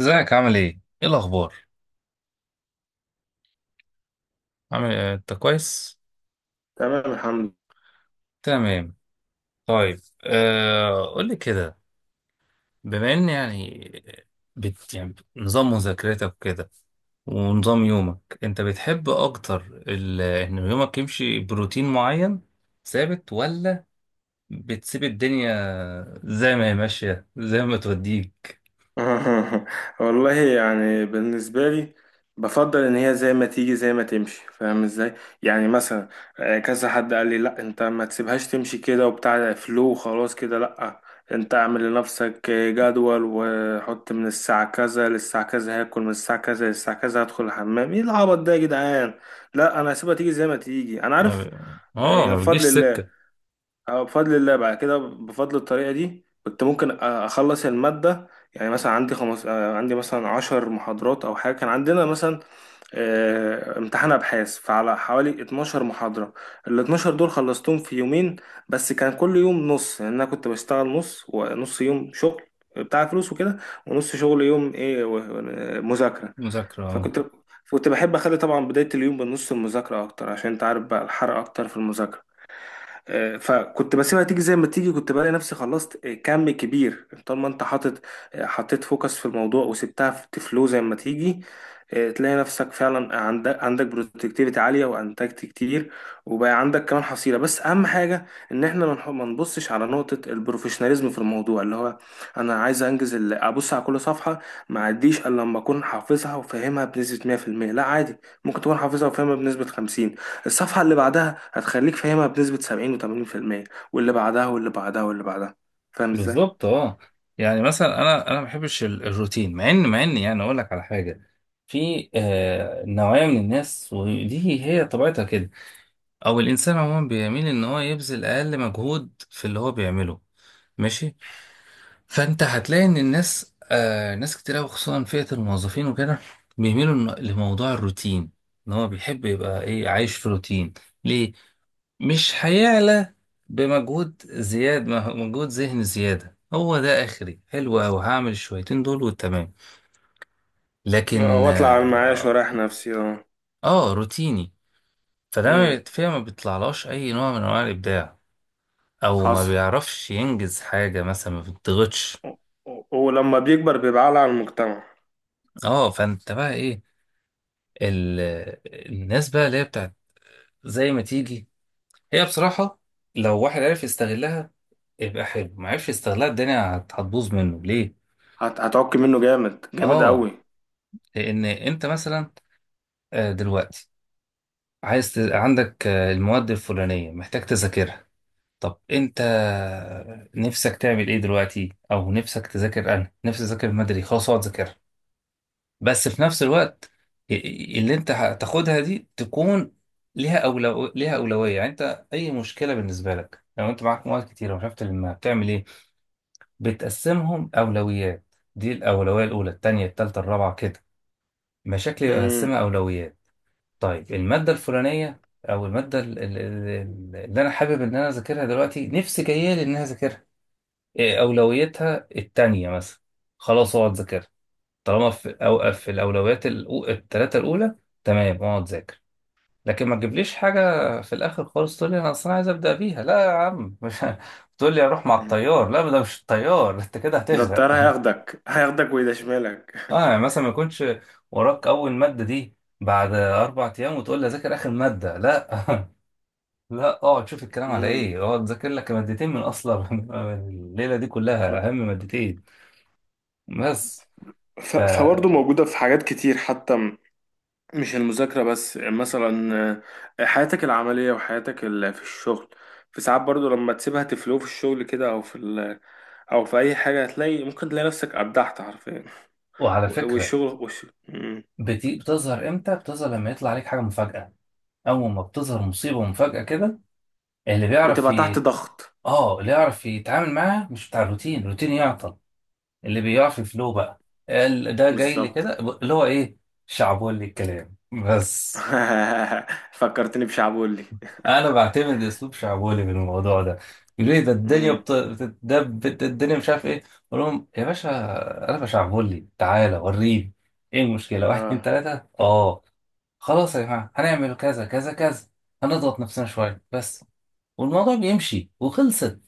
ازيك؟ عامل ايه؟ ايه الأخبار؟ عامل إيه؟ أنت كويس؟ تمام، الحمد تمام. طيب آه، قول لي كده. بما إن يعني بت يعني نظام مذاكرتك كده ونظام يومك، أنت بتحب أكتر إن يومك يمشي بروتين معين ثابت، ولا بتسيب الدنيا زي ما هي ماشية زي ما توديك؟ لله. والله يعني بالنسبة لي بفضل إن هي زي ما تيجي زي ما تمشي. فاهم إزاي؟ يعني مثلا، كذا حد قال لي لأ أنت ما تسيبهاش تمشي كده وبتاع فلو. خلاص كده لأ، أنت أعمل لنفسك جدول وحط من الساعة كذا للساعة كذا، هاكل من الساعة كذا للساعة كذا، هدخل الحمام. إيه العبط ده يا جدعان؟ لأ أنا هسيبها تيجي زي ما تيجي. أنا عارف يا ما بتجيش بفضل سكة الله. اه، بفضل الله بعد كده. بفضل الطريقة دي كنت ممكن أخلص المادة. يعني مثلا عندي خمس آه، عندي مثلا عشر محاضرات أو حاجة. كان عندنا مثلا امتحان أبحاث، فعلى حوالي 12 محاضرة. ال 12 دول خلصتهم في يومين. بس كان كل يوم نص، يعني أنا كنت بشتغل نص ونص. يوم شغل بتاع فلوس وكده، ونص شغل يوم إيه مذاكرة. مذاكرة. آه. فكنت كنت بحب أخلي طبعا بداية اليوم بنص المذاكرة أكتر، عشان أنت عارف بقى الحرق أكتر في المذاكرة. فكنت بسيبها تيجي زي ما تيجي. كنت بلاقي نفسي خلصت كم كبير، طالما انت حاطط. حطيت فوكس في الموضوع وسبتها في فلو زي ما تيجي، تلاقي نفسك فعلا عندك برودكتيفيتي عالية وانتجت كتير. وبقى عندك كمان حصيلة. بس اهم حاجة ان احنا ما نبصش على نقطة البروفيشناليزم في الموضوع، اللي هو انا عايز انجز ابص على كل صفحة، ما اعديش الا لما اكون حافظها وفاهمها بنسبة 100%. لا عادي، ممكن تكون حافظها وفاهمها بنسبة 50، الصفحة اللي بعدها هتخليك فاهمها بنسبة 70 و80%، واللي بعدها واللي بعدها واللي بعدها. فاهم ازاي؟ بالظبط، اه. يعني مثلا انا ما بحبش الروتين، مع ان يعني اقول لك على حاجه. في نوعيه من الناس، ودي هي طبيعتها كده، او الانسان عموما بيميل ان هو يبذل اقل مجهود في اللي هو بيعمله. ماشي. فانت هتلاقي ان الناس ناس كتير قوي، خصوصا فئه الموظفين وكده، بيميلوا لموضوع الروتين، ان هو بيحب يبقى ايه، عايش في روتين. ليه؟ مش هيعلى بمجهود زياد، ما هو مجهود ذهني زيادة. هو ده آخري، حلو أوي، هعمل الشويتين دول وتمام. لكن واطلع على المعاش واريح نفسي. اه. آه، روتيني. فده ما امم. بيت- فيها ما بيطلعلاش أي نوع من أنواع الإبداع، أو ما حصل. بيعرفش ينجز حاجة مثلا، ما بيتضغطش. و- ولما بيكبر بيبقى عالة على المجتمع. آه، فأنت بقى إيه، ال... الناس بقى اللي هي بتاعت زي ما تيجي، هي بصراحة لو واحد عرف يستغلها يبقى حلو، ما عرفش يستغلها الدنيا هتبوظ منه. ليه؟ هتعك منه جامد جامد قوي. آه، لأن أنت مثلا دلوقتي عندك المواد الفلانية محتاج تذاكرها. طب انت نفسك تعمل ايه دلوقتي، او نفسك تذاكر. انا نفسي اذاكر، مدري، خلاص اقعد ذاكرها. بس في نفس الوقت اللي انت هتاخدها دي تكون ليها ليها أولوية. يعني انت اي مشكلة بالنسبة لك، لو انت معاك مواد كتيرة ومش عارف تلمها بتعمل ايه؟ بتقسمهم أولويات. دي الأولوية الأولى، التانية، التالتة، الرابعة كده. مشاكل امم. يقسمها أولويات. طيب، المادة الفلانية أو المادة اللي أنا حابب إن أنا أذاكرها دلوقتي، نفسي جاية لي إن أنا أذاكرها، إيه أولويتها؟ التانية مثلا، خلاص أقعد أذاكرها. طالما في أوقف في التلاتة الأولى تمام، أقعد أذاكر. لكن ما تجيبليش حاجة في الآخر خالص تقول لي أنا أصلا عايز أبدأ بيها. لا يا عم، مش تقول لي أروح مع الطيار. لا، ده مش الطيار، أنت كده ده هتغرق. الطيار هياخدك هياخدك ويدشملك. أه يعني مثلا، ما يكونش وراك أول مادة دي بعد أربع أيام وتقول لي أذاكر آخر مادة. لا، لا، اه تشوف الكلام على امم. ايه، اه تذاكر لك مادتين من اصلا من الليله دي كلها، اهم مادتين بس. ف... فبرضه موجودة في حاجات كتير، حتى مش المذاكرة بس. يعني مثلا حياتك العملية وحياتك في الشغل. في ساعات برضو لما تسيبها تفلو في الشغل كده، أو في أو في أي حاجة هتلاقي، ممكن تلاقي نفسك أبدعت حرفيا. وعلى فكره، والشغل مم. بتظهر امتى؟ بتظهر لما يطلع عليك حاجه مفاجاه. اول ما بتظهر مصيبه مفاجاه كده، اللي بيعرف وتبقى تحت ي... ضغط. اه، اللي يعرف يتعامل معاها مش بتاع الروتين. الروتين يعطل، اللي بيعرف يفلو بقى، ده جاي لي بالظبط. كده اللي هو ايه، شعبولي الكلام بس. فكرتني بشعبولي. انا بعتمد اسلوب شعبولي في الموضوع ده. يقولوا لي، ده الدنيا مم. بتتدب، ده الدنيا مش عارف ايه. اقول لهم يا باشا، انا بشعبولي، تعالى وريني ايه المشكله. واحد، اتنين، اه. تلاته، اه خلاص يا جماعه، هنعمل كذا كذا كذا، هنضغط نفسنا شويه بس والموضوع بيمشي، وخلصت.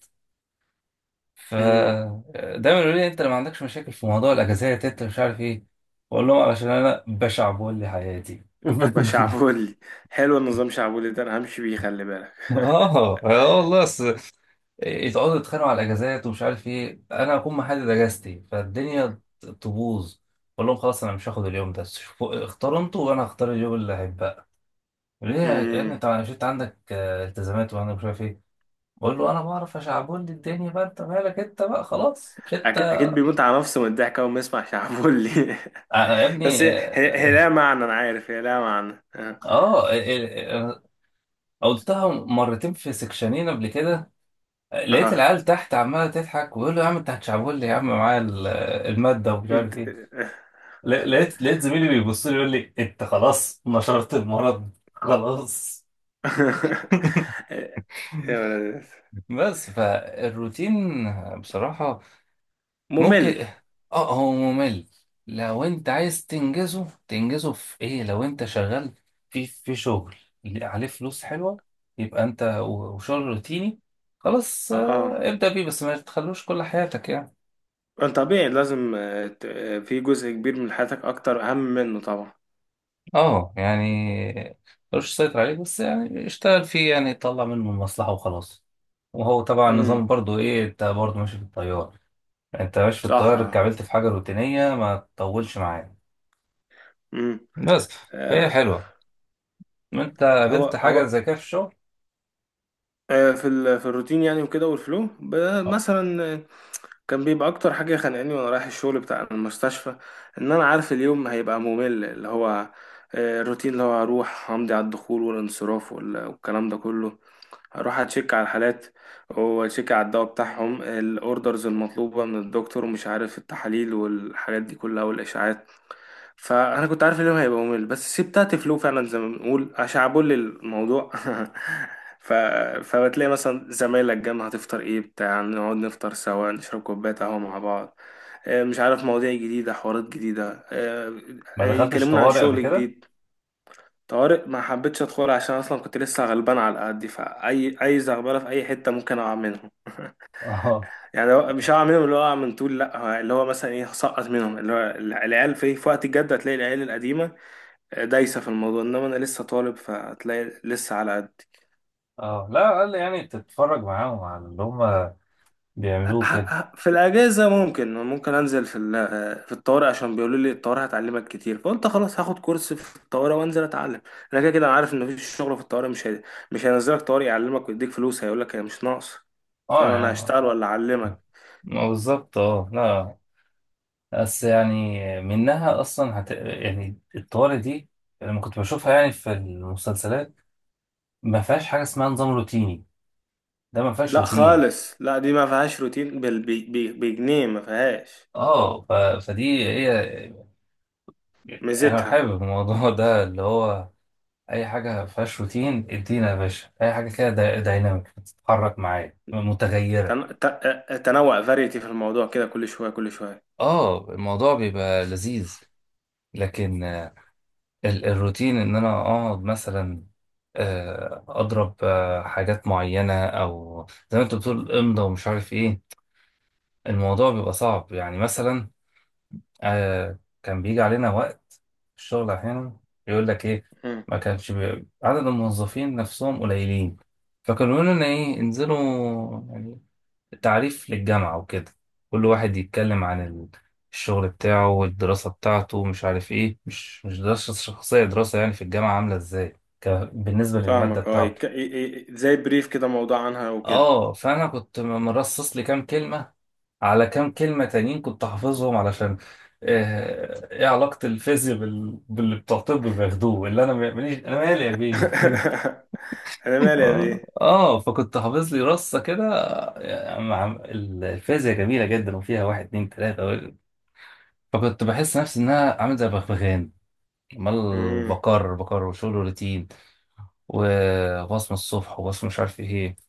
ف... امم. دايما يقولوا لي، انت اللي ما عندكش مشاكل في موضوع الاجازات، انت مش عارف ايه. اقول لهم علشان انا بشعبولي حياتي. بشعبولي. حلو النظام شعبولي ده، أنا همشي بيه خلي بالك. اه، اه، والله. يقعدوا يتخانقوا على الاجازات ومش عارف ايه، انا اكون محدد اجازتي، فالدنيا تبوظ. اقول لهم خلاص، انا مش هاخد اليوم ده، شوفوا اختاروا انتوا، وانا هختار اليوم اللي هيبقى. ليه يا ابني؟ مم. طب انا شفت عندك التزامات وانا مش عارف ايه. بقول له، انا بعرف اشعبولي الدنيا بقى، انت مالك انت بقى؟ خلاص مش انت. أكيد بيموت على نفسه من الضحك أول ما يسمع شعبولي. آه، يا بس ابني، هي اه. لها معنى. انا عارف هي لها معنى. اه. آه، قلتها مرتين في سكشنين قبل كده، لقيت اه. العيال تحت عماله تضحك ويقول له يا عم انت هتشعبولي، يا عم معايا الماده ومش عارف انت- ايه. لقيت زميلي بيبص لي يقول لي انت خلاص نشرت المرض. خلاص. يا ولد. بس فالروتين بصراحة ممل. ممكن، اه هو ممل. لو انت عايز تنجزه، تنجزه في ايه؟ لو انت شغال في شغل اللي عليه فلوس حلوة، يبقى انت وشغل روتيني خلاص، آه، اه. ابدأ بيه، بس ما تخلوش كل حياتك يعني. اه طبيعي لازم، في جزء كبير من حياتك اكتر اهم منه طبعا. اه، يعني ملوش سيطر عليه، بس يعني اشتغل فيه، يعني يطلع منه المصلحة وخلاص. وهو طبعا امم. النظام برضو ايه، انت برضو ماشي في التيار. انت ماشي في صح. التيار اه. اتكعبلت في حاجة روتينية، ما تطولش معايا. امم. بس، فهي آه، حلوة. انت هو قابلت حاجة هو زي كده في الشغل؟ في في الروتين يعني، وكده والفلو اه. مثلا، كان بيبقى اكتر حاجه خانقاني وانا رايح الشغل بتاع المستشفى. ان انا عارف اليوم هيبقى ممل، اللي هو الروتين، اللي هو هروح همضي على الدخول والانصراف والكلام ده كله. هروح اتشيك على الحالات، واتشيك على الدواء بتاعهم، الاوردرز المطلوبه من الدكتور ومش عارف التحاليل والحاجات دي كلها والاشعاعات. فانا كنت عارف ان هو هيبقى ممل، بس سبت تفلو فعلا زي ما بنقول عشان عبول الموضوع. ف... فبتلاقي مثلا زمايلك جنب، هتفطر ايه بتاع، نقعد نفطر سوا نشرب كوبايه قهوه مع بعض. مش عارف، مواضيع جديده حوارات جديده. ما دخلتش يكلمونا عن طوارئ قبل شغل كده؟ جديد. طوارئ ما حبيتش ادخل، عشان اصلا كنت لسه غلبان على قدي، فاي اي زغبله في اي حته ممكن اقع منهم. اه، يعني هو- مش هقع منهم اللي هو اقع من طول، لا هو اللي هو مثلا ايه، هسقط منهم اللي هو، العيال في وقت الجد هتلاقي العيال القديمه دايسة في الموضوع، إنما أنا لسه طالب فهتلاقي لسه على قد. اه، لا، على الأقل يعني تتفرج معاهم على اللي هم ه- بيعملوه كده. في الأجازة ممكن أنزل في في الطوارئ، عشان بيقولوا لي الطوارئ هتعلمك كتير. فقلت خلاص هاخد كورس في الطوارئ وأنزل أتعلم. أنا كده كده أنا عارف إن مفيش شغل في الطوارئ. مش هينزلك طوارئ يعلمك ويديك فلوس. هيقولك هي مش ناقص؟ فاهم؟ اه أنا يعني، هشتغل ولا أعلمك؟ ما بالظبط، اه لا. بس يعني منها اصلا هت... يعني الطوارئ دي لما كنت بشوفها يعني في المسلسلات، ما فيهاش حاجه اسمها نظام روتيني. ده ما فيهاش لا روتين. خالص، لا دي ما فيهاش روتين. بجنيه ما فيهاش. اه، ف... فدي هي، انا ميزتها حابب الموضوع ده اللي هو اي حاجه ما فيهاش روتين. ادينا يا باشا اي حاجه كده، دايناميك، بتتحرك معايا، متغيره. تن... ت... تنوع، فاريتي في الموضوع كده، كل شوية كل شوية. اه، الموضوع بيبقى لذيذ. لكن الروتين، ان انا اقعد مثلا اضرب حاجات معينه، او زي ما انت بتقول امضى ومش عارف ايه، الموضوع بيبقى صعب. يعني مثلا كان بيجي علينا وقت في الشغل احيانا، يقول لك ايه، ما كانش عدد الموظفين نفسهم قليلين، فكانوا يقولوا لنا ايه، انزلوا يعني تعريف للجامعة وكده، كل واحد يتكلم عن الشغل بتاعه والدراسة بتاعته مش عارف ايه، مش دراسة شخصية، دراسة يعني في الجامعة عاملة ازاي، ك... بالنسبة للمادة فاهمك اه. بتاعته. زي بريف كده، موضوع عنها وكده. اه، فأنا كنت مرصص لي كام كلمة على كام كلمة تانيين كنت حافظهم، علشان ايه علاقة الفيزياء بال... باللي بتوع طب بياخدوه، اللي انا ماليش، انا مالي يا بيه. انا مالي يا اه، بيه. آه، فكنت حافظ لي رصة كده، الفيزياء جميلة جدا وفيها واحد اتنين تلاتة. فكنت بحس نفسي ان انا عامل زي بغبغان، عمال امم. بكرر وشغل روتين، وبصمة الصبح وبصمة مش عارف ايه.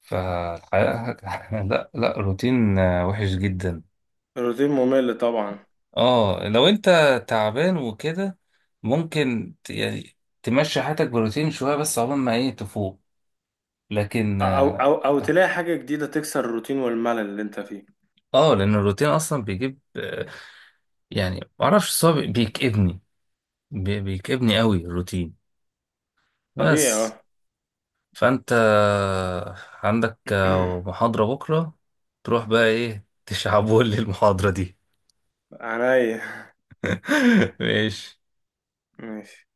فالحقيقة لا لا، روتين وحش جدا. الروتين ممل طبعا. اه، لو انت تعبان وكده ممكن يعني تمشي حياتك بروتين شوية، بس عقبال ما ايه، تفوق. لكن اه، او تلاقي حاجه جديده تكسر الروتين والملل اللي انت فيه. لان الروتين اصلا بيجيب يعني معرفش، صعب، بيكئبني، بيكئبني قوي الروتين. طبيعي بس. اه. فانت عندك محاضرة بكرة، تروح بقى ايه، تشعبولي المحاضرة دي. عينيا. ماشي. ماشي.